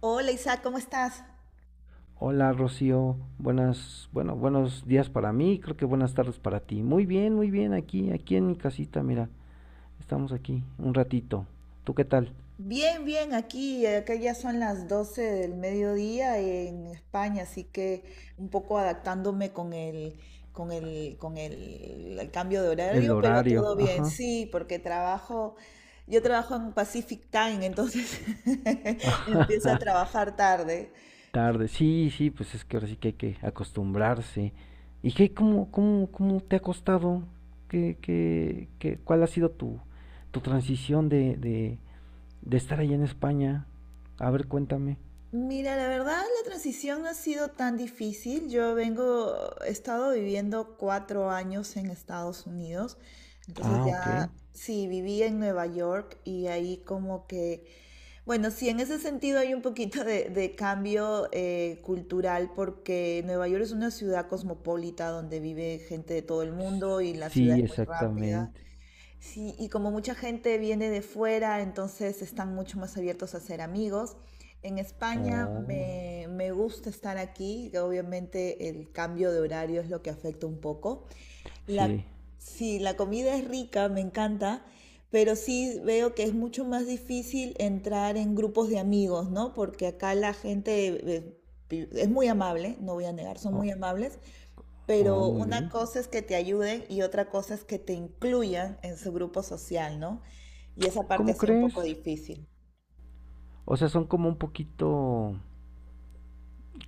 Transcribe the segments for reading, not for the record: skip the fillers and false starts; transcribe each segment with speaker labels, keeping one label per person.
Speaker 1: Hola Isaac, ¿cómo estás?
Speaker 2: Hola Rocío, buenas, bueno, buenos días para mí, creo que buenas tardes para ti. Muy bien, aquí en mi casita, mira, estamos aquí un ratito. ¿Tú qué tal?
Speaker 1: Bien, bien, aquí, acá ya son las 12 del mediodía en España, así que un poco adaptándome con el cambio de
Speaker 2: El
Speaker 1: horario, pero
Speaker 2: horario,
Speaker 1: todo bien,
Speaker 2: ajá,
Speaker 1: sí, porque trabajo, yo trabajo en Pacific Time, entonces empiezo a
Speaker 2: ajá,
Speaker 1: trabajar tarde.
Speaker 2: tarde, sí, sí, pues es que ahora sí que hay que acostumbrarse. ¿Y qué, cómo te ha costado? Cuál ha sido tu, tu transición de estar allá en España? A ver, cuéntame.
Speaker 1: Mira, la verdad, la transición no ha sido tan difícil. Yo vengo, he estado viviendo 4 años en Estados Unidos, entonces
Speaker 2: Ah, ok.
Speaker 1: ya, sí, viví en Nueva York y ahí como que, bueno, sí, en ese sentido hay un poquito de cambio cultural porque Nueva York es una ciudad cosmopolita donde vive gente de todo el
Speaker 2: S-
Speaker 1: mundo y la ciudad
Speaker 2: Sí,
Speaker 1: es muy rápida.
Speaker 2: exactamente.
Speaker 1: Sí, y como mucha gente viene de fuera, entonces están mucho más abiertos a ser amigos. En España sí,
Speaker 2: Oh,
Speaker 1: me gusta estar aquí, que obviamente el cambio de horario es lo que afecta un poco. La,
Speaker 2: sí.
Speaker 1: sí, la comida es rica, me encanta, pero sí veo que es mucho más difícil entrar en grupos de amigos, ¿no? Porque acá la gente es muy amable, no voy a negar, son
Speaker 2: Oh,
Speaker 1: muy amables,
Speaker 2: oh,
Speaker 1: pero
Speaker 2: muy
Speaker 1: una
Speaker 2: bien.
Speaker 1: cosa es que te ayuden y otra cosa es que te incluyan en su grupo social, ¿no? Y esa parte ha
Speaker 2: ¿Cómo
Speaker 1: sido un
Speaker 2: crees?
Speaker 1: poco difícil.
Speaker 2: O sea, son como un poquito,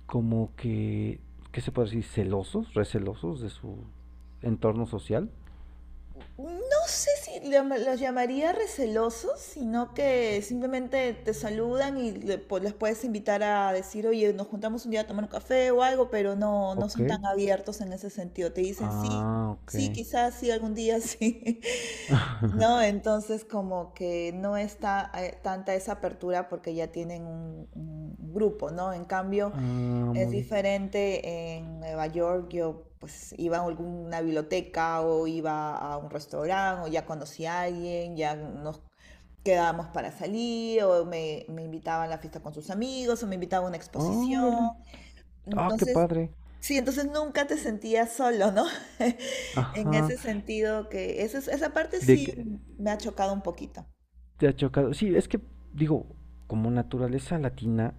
Speaker 2: como que, ¿qué se puede decir? Celosos, recelosos de su entorno social.
Speaker 1: No sé si los llamaría recelosos, sino que simplemente te saludan y les puedes invitar a decir, oye, nos juntamos un día a tomar un café o algo, pero no, no
Speaker 2: Ok.
Speaker 1: son tan abiertos en ese sentido. Te dicen sí,
Speaker 2: Ah, ok.
Speaker 1: sí, quizás sí, algún día sí. No, entonces como que no está tanta esa apertura porque ya tienen un grupo, ¿no? En cambio,
Speaker 2: Ah,
Speaker 1: es
Speaker 2: muy bien.
Speaker 1: diferente en Nueva York, yo pues iba a alguna biblioteca o iba a un restaurante o ya conocí a alguien, ya nos quedábamos para salir o me invitaban a la fiesta con sus amigos o me invitaban a una
Speaker 2: Órale.
Speaker 1: exposición.
Speaker 2: Ah, qué
Speaker 1: Entonces,
Speaker 2: padre.
Speaker 1: sí, entonces nunca te sentías solo, ¿no? En
Speaker 2: Ajá.
Speaker 1: ese sentido que esa parte
Speaker 2: De
Speaker 1: sí
Speaker 2: que
Speaker 1: me ha chocado un poquito.
Speaker 2: te ha chocado. Sí, es que, digo, como naturaleza latina,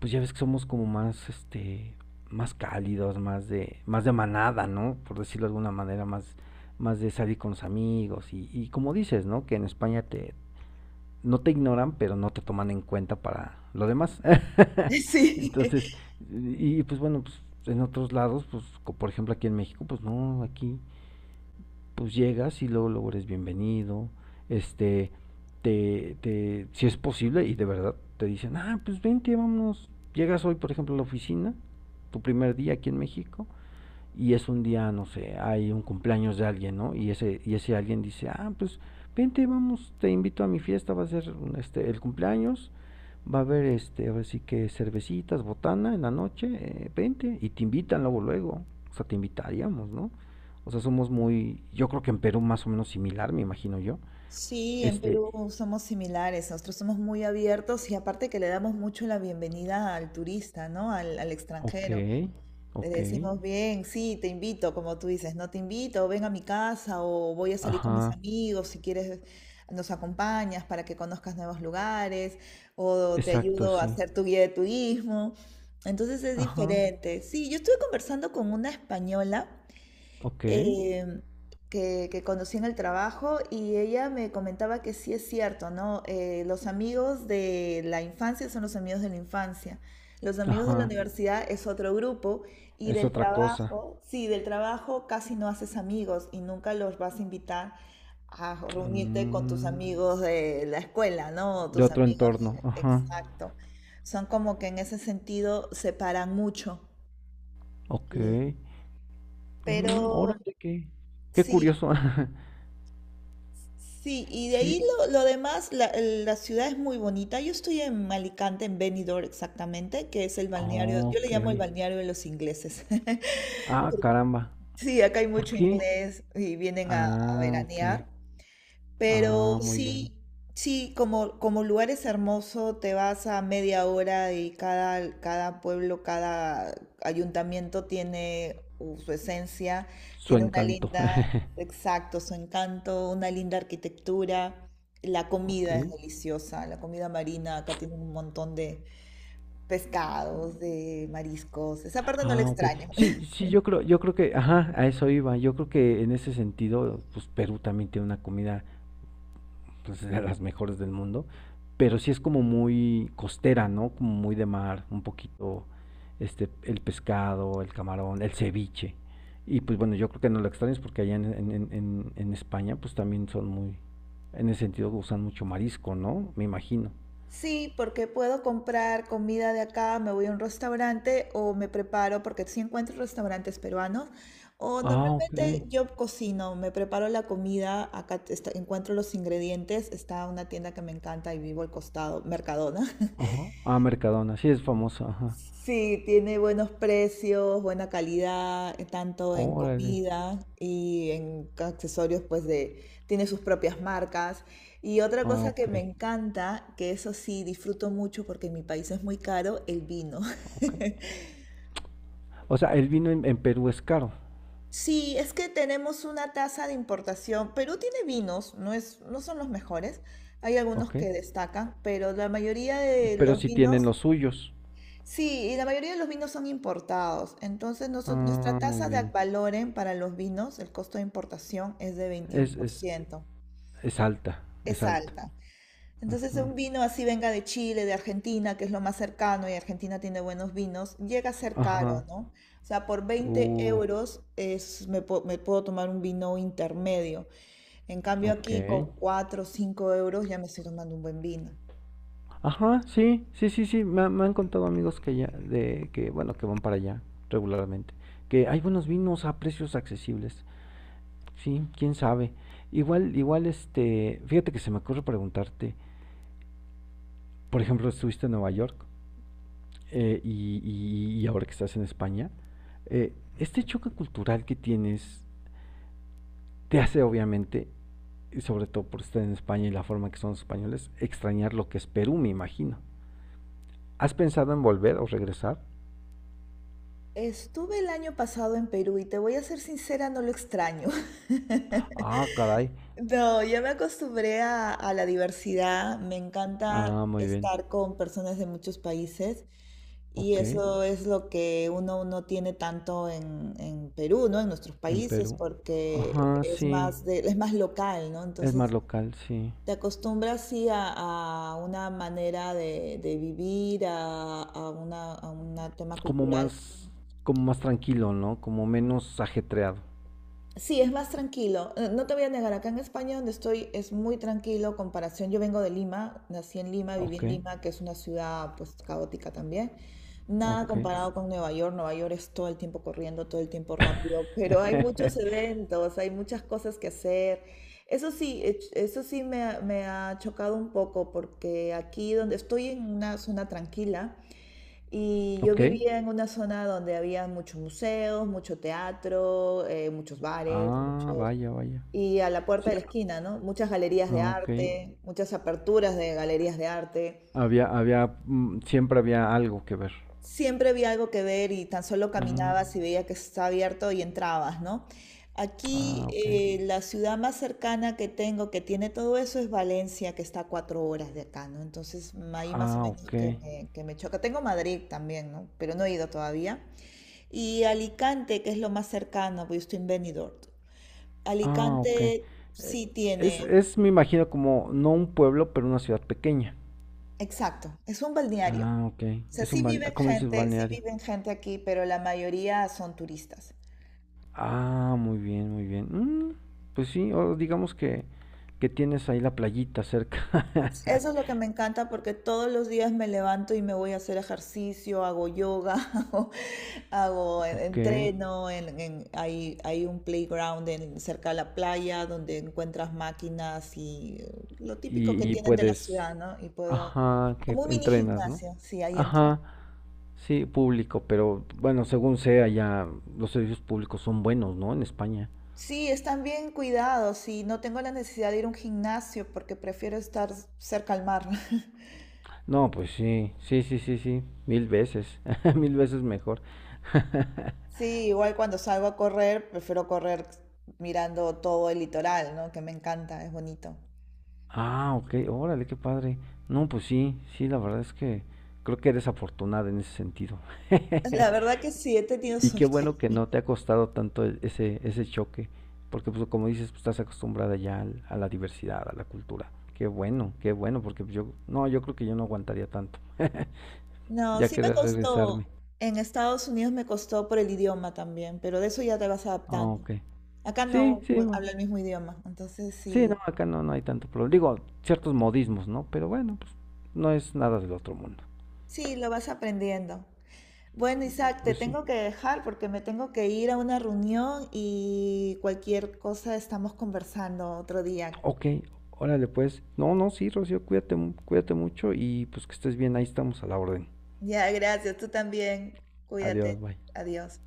Speaker 2: pues ya ves que somos como más, este, más cálidos, más de manada, ¿no? Por decirlo de alguna manera, más, más de salir con los amigos y como dices, ¿no? Que en España te, no te ignoran, pero no te toman en cuenta para lo demás.
Speaker 1: Sí.
Speaker 2: Entonces, y pues bueno, pues en otros lados, pues por ejemplo aquí en México, pues no, aquí pues llegas y luego, luego eres bienvenido, este, te, si es posible, y de verdad te dicen, ah, pues vente, vámonos, llegas hoy, por ejemplo, a la oficina, tu primer día aquí en México, y es un día, no sé, hay un cumpleaños de alguien, ¿no? Y ese alguien dice, ah, pues vente, vamos, te invito a mi fiesta, va a ser este, el cumpleaños, va a haber, este, ahora sí que cervecitas, botana en la noche, vente, y te invitan luego, luego, o sea, te invitaríamos, ¿no? O sea, somos muy, yo creo que en Perú más o menos similar, me imagino yo.
Speaker 1: Sí, en
Speaker 2: Este,
Speaker 1: Perú somos similares, nosotros somos muy abiertos y aparte que le damos mucho la bienvenida al turista, ¿no? Al, al
Speaker 2: ok,
Speaker 1: extranjero. Le
Speaker 2: ok,
Speaker 1: decimos bien, sí, te invito, como tú dices, no te invito, ven a mi casa o voy a salir con mis
Speaker 2: ajá,
Speaker 1: amigos, si quieres nos acompañas para que conozcas nuevos lugares o te
Speaker 2: exacto,
Speaker 1: ayudo a
Speaker 2: sí,
Speaker 1: hacer tu guía de turismo. Entonces es
Speaker 2: ajá,
Speaker 1: diferente. Sí, yo estuve conversando con una española
Speaker 2: ok,
Speaker 1: eh, que conocí en el trabajo y ella me comentaba que sí es cierto, ¿no? Los amigos de la infancia son los amigos de la infancia. Los amigos de la
Speaker 2: ajá,
Speaker 1: universidad es otro grupo y
Speaker 2: es
Speaker 1: del
Speaker 2: otra cosa.
Speaker 1: trabajo, sí, del trabajo casi no haces amigos y nunca los vas a invitar a reunirte con tus
Speaker 2: Mm.
Speaker 1: amigos de la escuela, ¿no?
Speaker 2: De
Speaker 1: Tus
Speaker 2: otro
Speaker 1: amigos,
Speaker 2: entorno, ajá.
Speaker 1: exacto. Son como que en ese sentido se paran mucho.
Speaker 2: Ok.
Speaker 1: Sí.
Speaker 2: Mm,
Speaker 1: Pero
Speaker 2: órale, qué, qué
Speaker 1: sí,
Speaker 2: curioso.
Speaker 1: sí, y de
Speaker 2: Sí.
Speaker 1: ahí lo demás, la ciudad es muy bonita. Yo estoy en Alicante, en Benidorm exactamente, que es el balneario, yo le
Speaker 2: Ok.
Speaker 1: llamo el balneario de los ingleses.
Speaker 2: Ah, caramba.
Speaker 1: Sí, acá hay
Speaker 2: ¿Por
Speaker 1: mucho
Speaker 2: qué?
Speaker 1: inglés y vienen a
Speaker 2: Ah, ok.
Speaker 1: veranear. Pero
Speaker 2: Ah, muy bien.
Speaker 1: sí, sí, como, como lugar es hermoso, te vas a media hora y cada pueblo, cada ayuntamiento tiene su esencia,
Speaker 2: Su
Speaker 1: tiene una
Speaker 2: encanto.
Speaker 1: linda, exacto, su encanto, una linda arquitectura. La
Speaker 2: Ok.
Speaker 1: comida es deliciosa, la comida marina, acá tiene un montón de pescados, de mariscos. Esa parte no la
Speaker 2: Ah, ok.
Speaker 1: extraño.
Speaker 2: Sí, sí, yo creo que, ajá, a eso iba. Yo creo que en ese sentido, pues Perú también tiene una comida pues, de las mejores del mundo, pero sí es como muy costera, ¿no? Como muy de mar, un poquito este el pescado, el camarón, el ceviche. Y pues bueno, yo creo que no lo extrañas porque allá en España pues también son muy, en ese sentido usan mucho marisco, ¿no? Me imagino.
Speaker 1: Sí, porque puedo comprar comida de acá, me voy a un restaurante o me preparo, porque sí encuentro restaurantes peruanos, o
Speaker 2: Ah, ok.
Speaker 1: normalmente yo cocino, me preparo la comida, acá encuentro los ingredientes, está una tienda que me encanta y vivo al costado, Mercadona.
Speaker 2: Ajá. Ah, Mercadona, sí es famosa, ajá.
Speaker 1: Sí, tiene buenos precios, buena calidad, tanto en
Speaker 2: Órale.
Speaker 1: comida y en accesorios, pues de, tiene sus propias marcas. Y otra
Speaker 2: Ah,
Speaker 1: cosa que
Speaker 2: ok.
Speaker 1: me encanta, que eso sí disfruto mucho porque en mi país es muy caro, el vino.
Speaker 2: Ok. O sea, el vino en Perú es caro,
Speaker 1: Sí, es que tenemos una tasa de importación. Perú tiene vinos, no es, no son los mejores. Hay algunos
Speaker 2: ok.
Speaker 1: que destacan, pero la mayoría de
Speaker 2: Pero
Speaker 1: los
Speaker 2: sí tienen
Speaker 1: vinos
Speaker 2: los suyos.
Speaker 1: sí, y la mayoría de los vinos son importados. Entonces, nuestra
Speaker 2: Ah, muy
Speaker 1: tasa de Ad
Speaker 2: bien.
Speaker 1: valorem para los vinos, el costo de importación es de
Speaker 2: Es, es,
Speaker 1: 21%.
Speaker 2: es alta, es
Speaker 1: Es
Speaker 2: alta.
Speaker 1: alta. Entonces,
Speaker 2: Ajá.
Speaker 1: un vino así venga de Chile, de Argentina, que es lo más cercano, y Argentina tiene buenos vinos, llega a ser caro,
Speaker 2: Ajá.
Speaker 1: ¿no? O sea, por 20
Speaker 2: Uy,
Speaker 1: euros es, me puedo tomar un vino intermedio. En cambio,
Speaker 2: ok.
Speaker 1: aquí con 4 o 5 euros ya me estoy tomando un buen vino.
Speaker 2: Ajá, sí, sí, sí, sí. Me han contado amigos que ya, de que, bueno, que van para allá regularmente. Que hay buenos vinos a precios accesibles. Sí, quién sabe. Igual, igual, este, fíjate que se me ocurre preguntarte. Por ejemplo, estuviste en Nueva York y, y ahora que estás en España. Eh, este choque cultural que tienes te hace obviamente, y sobre todo por estar en España y la forma que son los españoles, extrañar lo que es Perú, me imagino. ¿Has pensado en volver o regresar?
Speaker 1: Estuve el año pasado en Perú y te voy a ser sincera, no lo extraño.
Speaker 2: Ah, caray.
Speaker 1: No, ya me acostumbré a la diversidad, me encanta
Speaker 2: Ah, muy bien.
Speaker 1: estar con personas de muchos países y
Speaker 2: Ok,
Speaker 1: eso es lo que uno no tiene tanto en Perú, ¿no? En nuestros
Speaker 2: en
Speaker 1: países,
Speaker 2: Perú.
Speaker 1: porque
Speaker 2: Ajá,
Speaker 1: es
Speaker 2: sí.
Speaker 1: más de, es más local, ¿no?
Speaker 2: Es más
Speaker 1: Entonces
Speaker 2: local, sí.
Speaker 1: te acostumbras sí a una manera de vivir, a una, a un tema
Speaker 2: Como
Speaker 1: cultural.
Speaker 2: más, como más tranquilo, ¿no? Como menos ajetreado.
Speaker 1: Sí, es más tranquilo. No te voy a negar, acá en España donde estoy es muy tranquilo comparación. Yo vengo de Lima, nací en Lima, viví
Speaker 2: Ok,
Speaker 1: en Lima, que es una ciudad pues caótica también. Nada
Speaker 2: ok.
Speaker 1: comparado con Nueva York. Nueva York es todo el tiempo corriendo, todo el tiempo rápido, pero hay muchos eventos, hay muchas cosas que hacer. Eso sí, eso sí me ha chocado un poco porque aquí donde estoy en una zona tranquila. Y yo
Speaker 2: Ok.
Speaker 1: vivía en una zona donde había muchos museos, mucho teatro, muchos bares,
Speaker 2: Ah,
Speaker 1: muchos...
Speaker 2: vaya, vaya.
Speaker 1: Y a la puerta
Speaker 2: Sí,
Speaker 1: de la esquina, ¿no? Muchas galerías de
Speaker 2: ah, ok.
Speaker 1: arte, muchas aperturas de galerías de arte.
Speaker 2: Había, había, mm, siempre había algo que ver.
Speaker 1: Siempre había algo que ver y tan solo
Speaker 2: Mm,
Speaker 1: caminabas y veía que estaba abierto y entrabas, ¿no? Aquí
Speaker 2: ah, ok.
Speaker 1: la ciudad más cercana que tengo que tiene todo eso es Valencia, que está a 4 horas de acá, ¿no? Entonces ahí más o
Speaker 2: Ah,
Speaker 1: menos
Speaker 2: ok.
Speaker 1: que me choca. Tengo Madrid también, ¿no? Pero no he ido todavía. Y Alicante, que es lo más cercano, porque yo estoy en Benidorm.
Speaker 2: Ah, ok. Eh,
Speaker 1: Alicante sí tiene,
Speaker 2: es, me imagino, como no un pueblo, pero una ciudad pequeña.
Speaker 1: exacto, es un balneario.
Speaker 2: Ah, ok.
Speaker 1: O sea,
Speaker 2: Es un balneario. ¿Cómo dices
Speaker 1: sí
Speaker 2: balneario?
Speaker 1: viven gente aquí, pero la mayoría son turistas.
Speaker 2: Ah, muy bien, muy bien. Mm, pues sí, o digamos que tienes ahí la playita cerca.
Speaker 1: Eso es lo que me encanta porque todos los días me levanto y me voy a hacer ejercicio, hago yoga, hago, hago
Speaker 2: Ok.
Speaker 1: entreno, hay, hay un playground cerca de la playa donde encuentras máquinas y lo típico que
Speaker 2: Y
Speaker 1: tienen de la
Speaker 2: puedes.
Speaker 1: ciudad, ¿no? Y puedo,
Speaker 2: Ajá, que
Speaker 1: como un mini
Speaker 2: entrenas, ¿no?
Speaker 1: gimnasio, sí, ahí entreno.
Speaker 2: Ajá, sí, público, pero bueno, según sea, ya los servicios públicos son buenos, ¿no? En España.
Speaker 1: Sí, están bien cuidados y no tengo la necesidad de ir a un gimnasio porque prefiero estar cerca al mar.
Speaker 2: No, pues sí, sí, sí, sí, sí, mil veces, mil veces mejor.
Speaker 1: Sí, igual cuando salgo a correr, prefiero correr mirando todo el litoral, ¿no? Que me encanta, es bonito.
Speaker 2: Ah, ok, órale, qué padre. No, pues sí, sí, la verdad es que creo que eres afortunada en ese sentido.
Speaker 1: La verdad que sí, he tenido
Speaker 2: Y qué
Speaker 1: suerte.
Speaker 2: bueno que no te ha costado tanto ese, ese choque, porque pues como dices, pues, estás acostumbrada ya a la diversidad, a la cultura. Qué bueno, porque pues, yo, no, yo creo que yo no aguantaría tanto.
Speaker 1: No,
Speaker 2: Ya
Speaker 1: sí me
Speaker 2: querés
Speaker 1: costó.
Speaker 2: regresarme.
Speaker 1: En Estados Unidos me costó por el idioma también, pero de eso ya te vas
Speaker 2: Ah,
Speaker 1: adaptando.
Speaker 2: ok.
Speaker 1: Acá
Speaker 2: Sí,
Speaker 1: no
Speaker 2: sí, pues.
Speaker 1: hablo el mismo idioma, entonces
Speaker 2: Sí,
Speaker 1: sí,
Speaker 2: no, acá no, no hay tanto problema. Digo, ciertos modismos, ¿no? Pero bueno, pues no es nada del otro mundo.
Speaker 1: sí, lo vas aprendiendo. Bueno, Isaac, te
Speaker 2: Pues sí.
Speaker 1: tengo que dejar porque me tengo que ir a una reunión y cualquier cosa estamos conversando otro día.
Speaker 2: Ok, órale pues. No, no, sí, Rocío, cuídate, cuídate mucho y pues que estés bien, ahí estamos a la orden.
Speaker 1: Ya, gracias. Tú también.
Speaker 2: Adiós,
Speaker 1: Cuídate.
Speaker 2: bye.
Speaker 1: Adiós.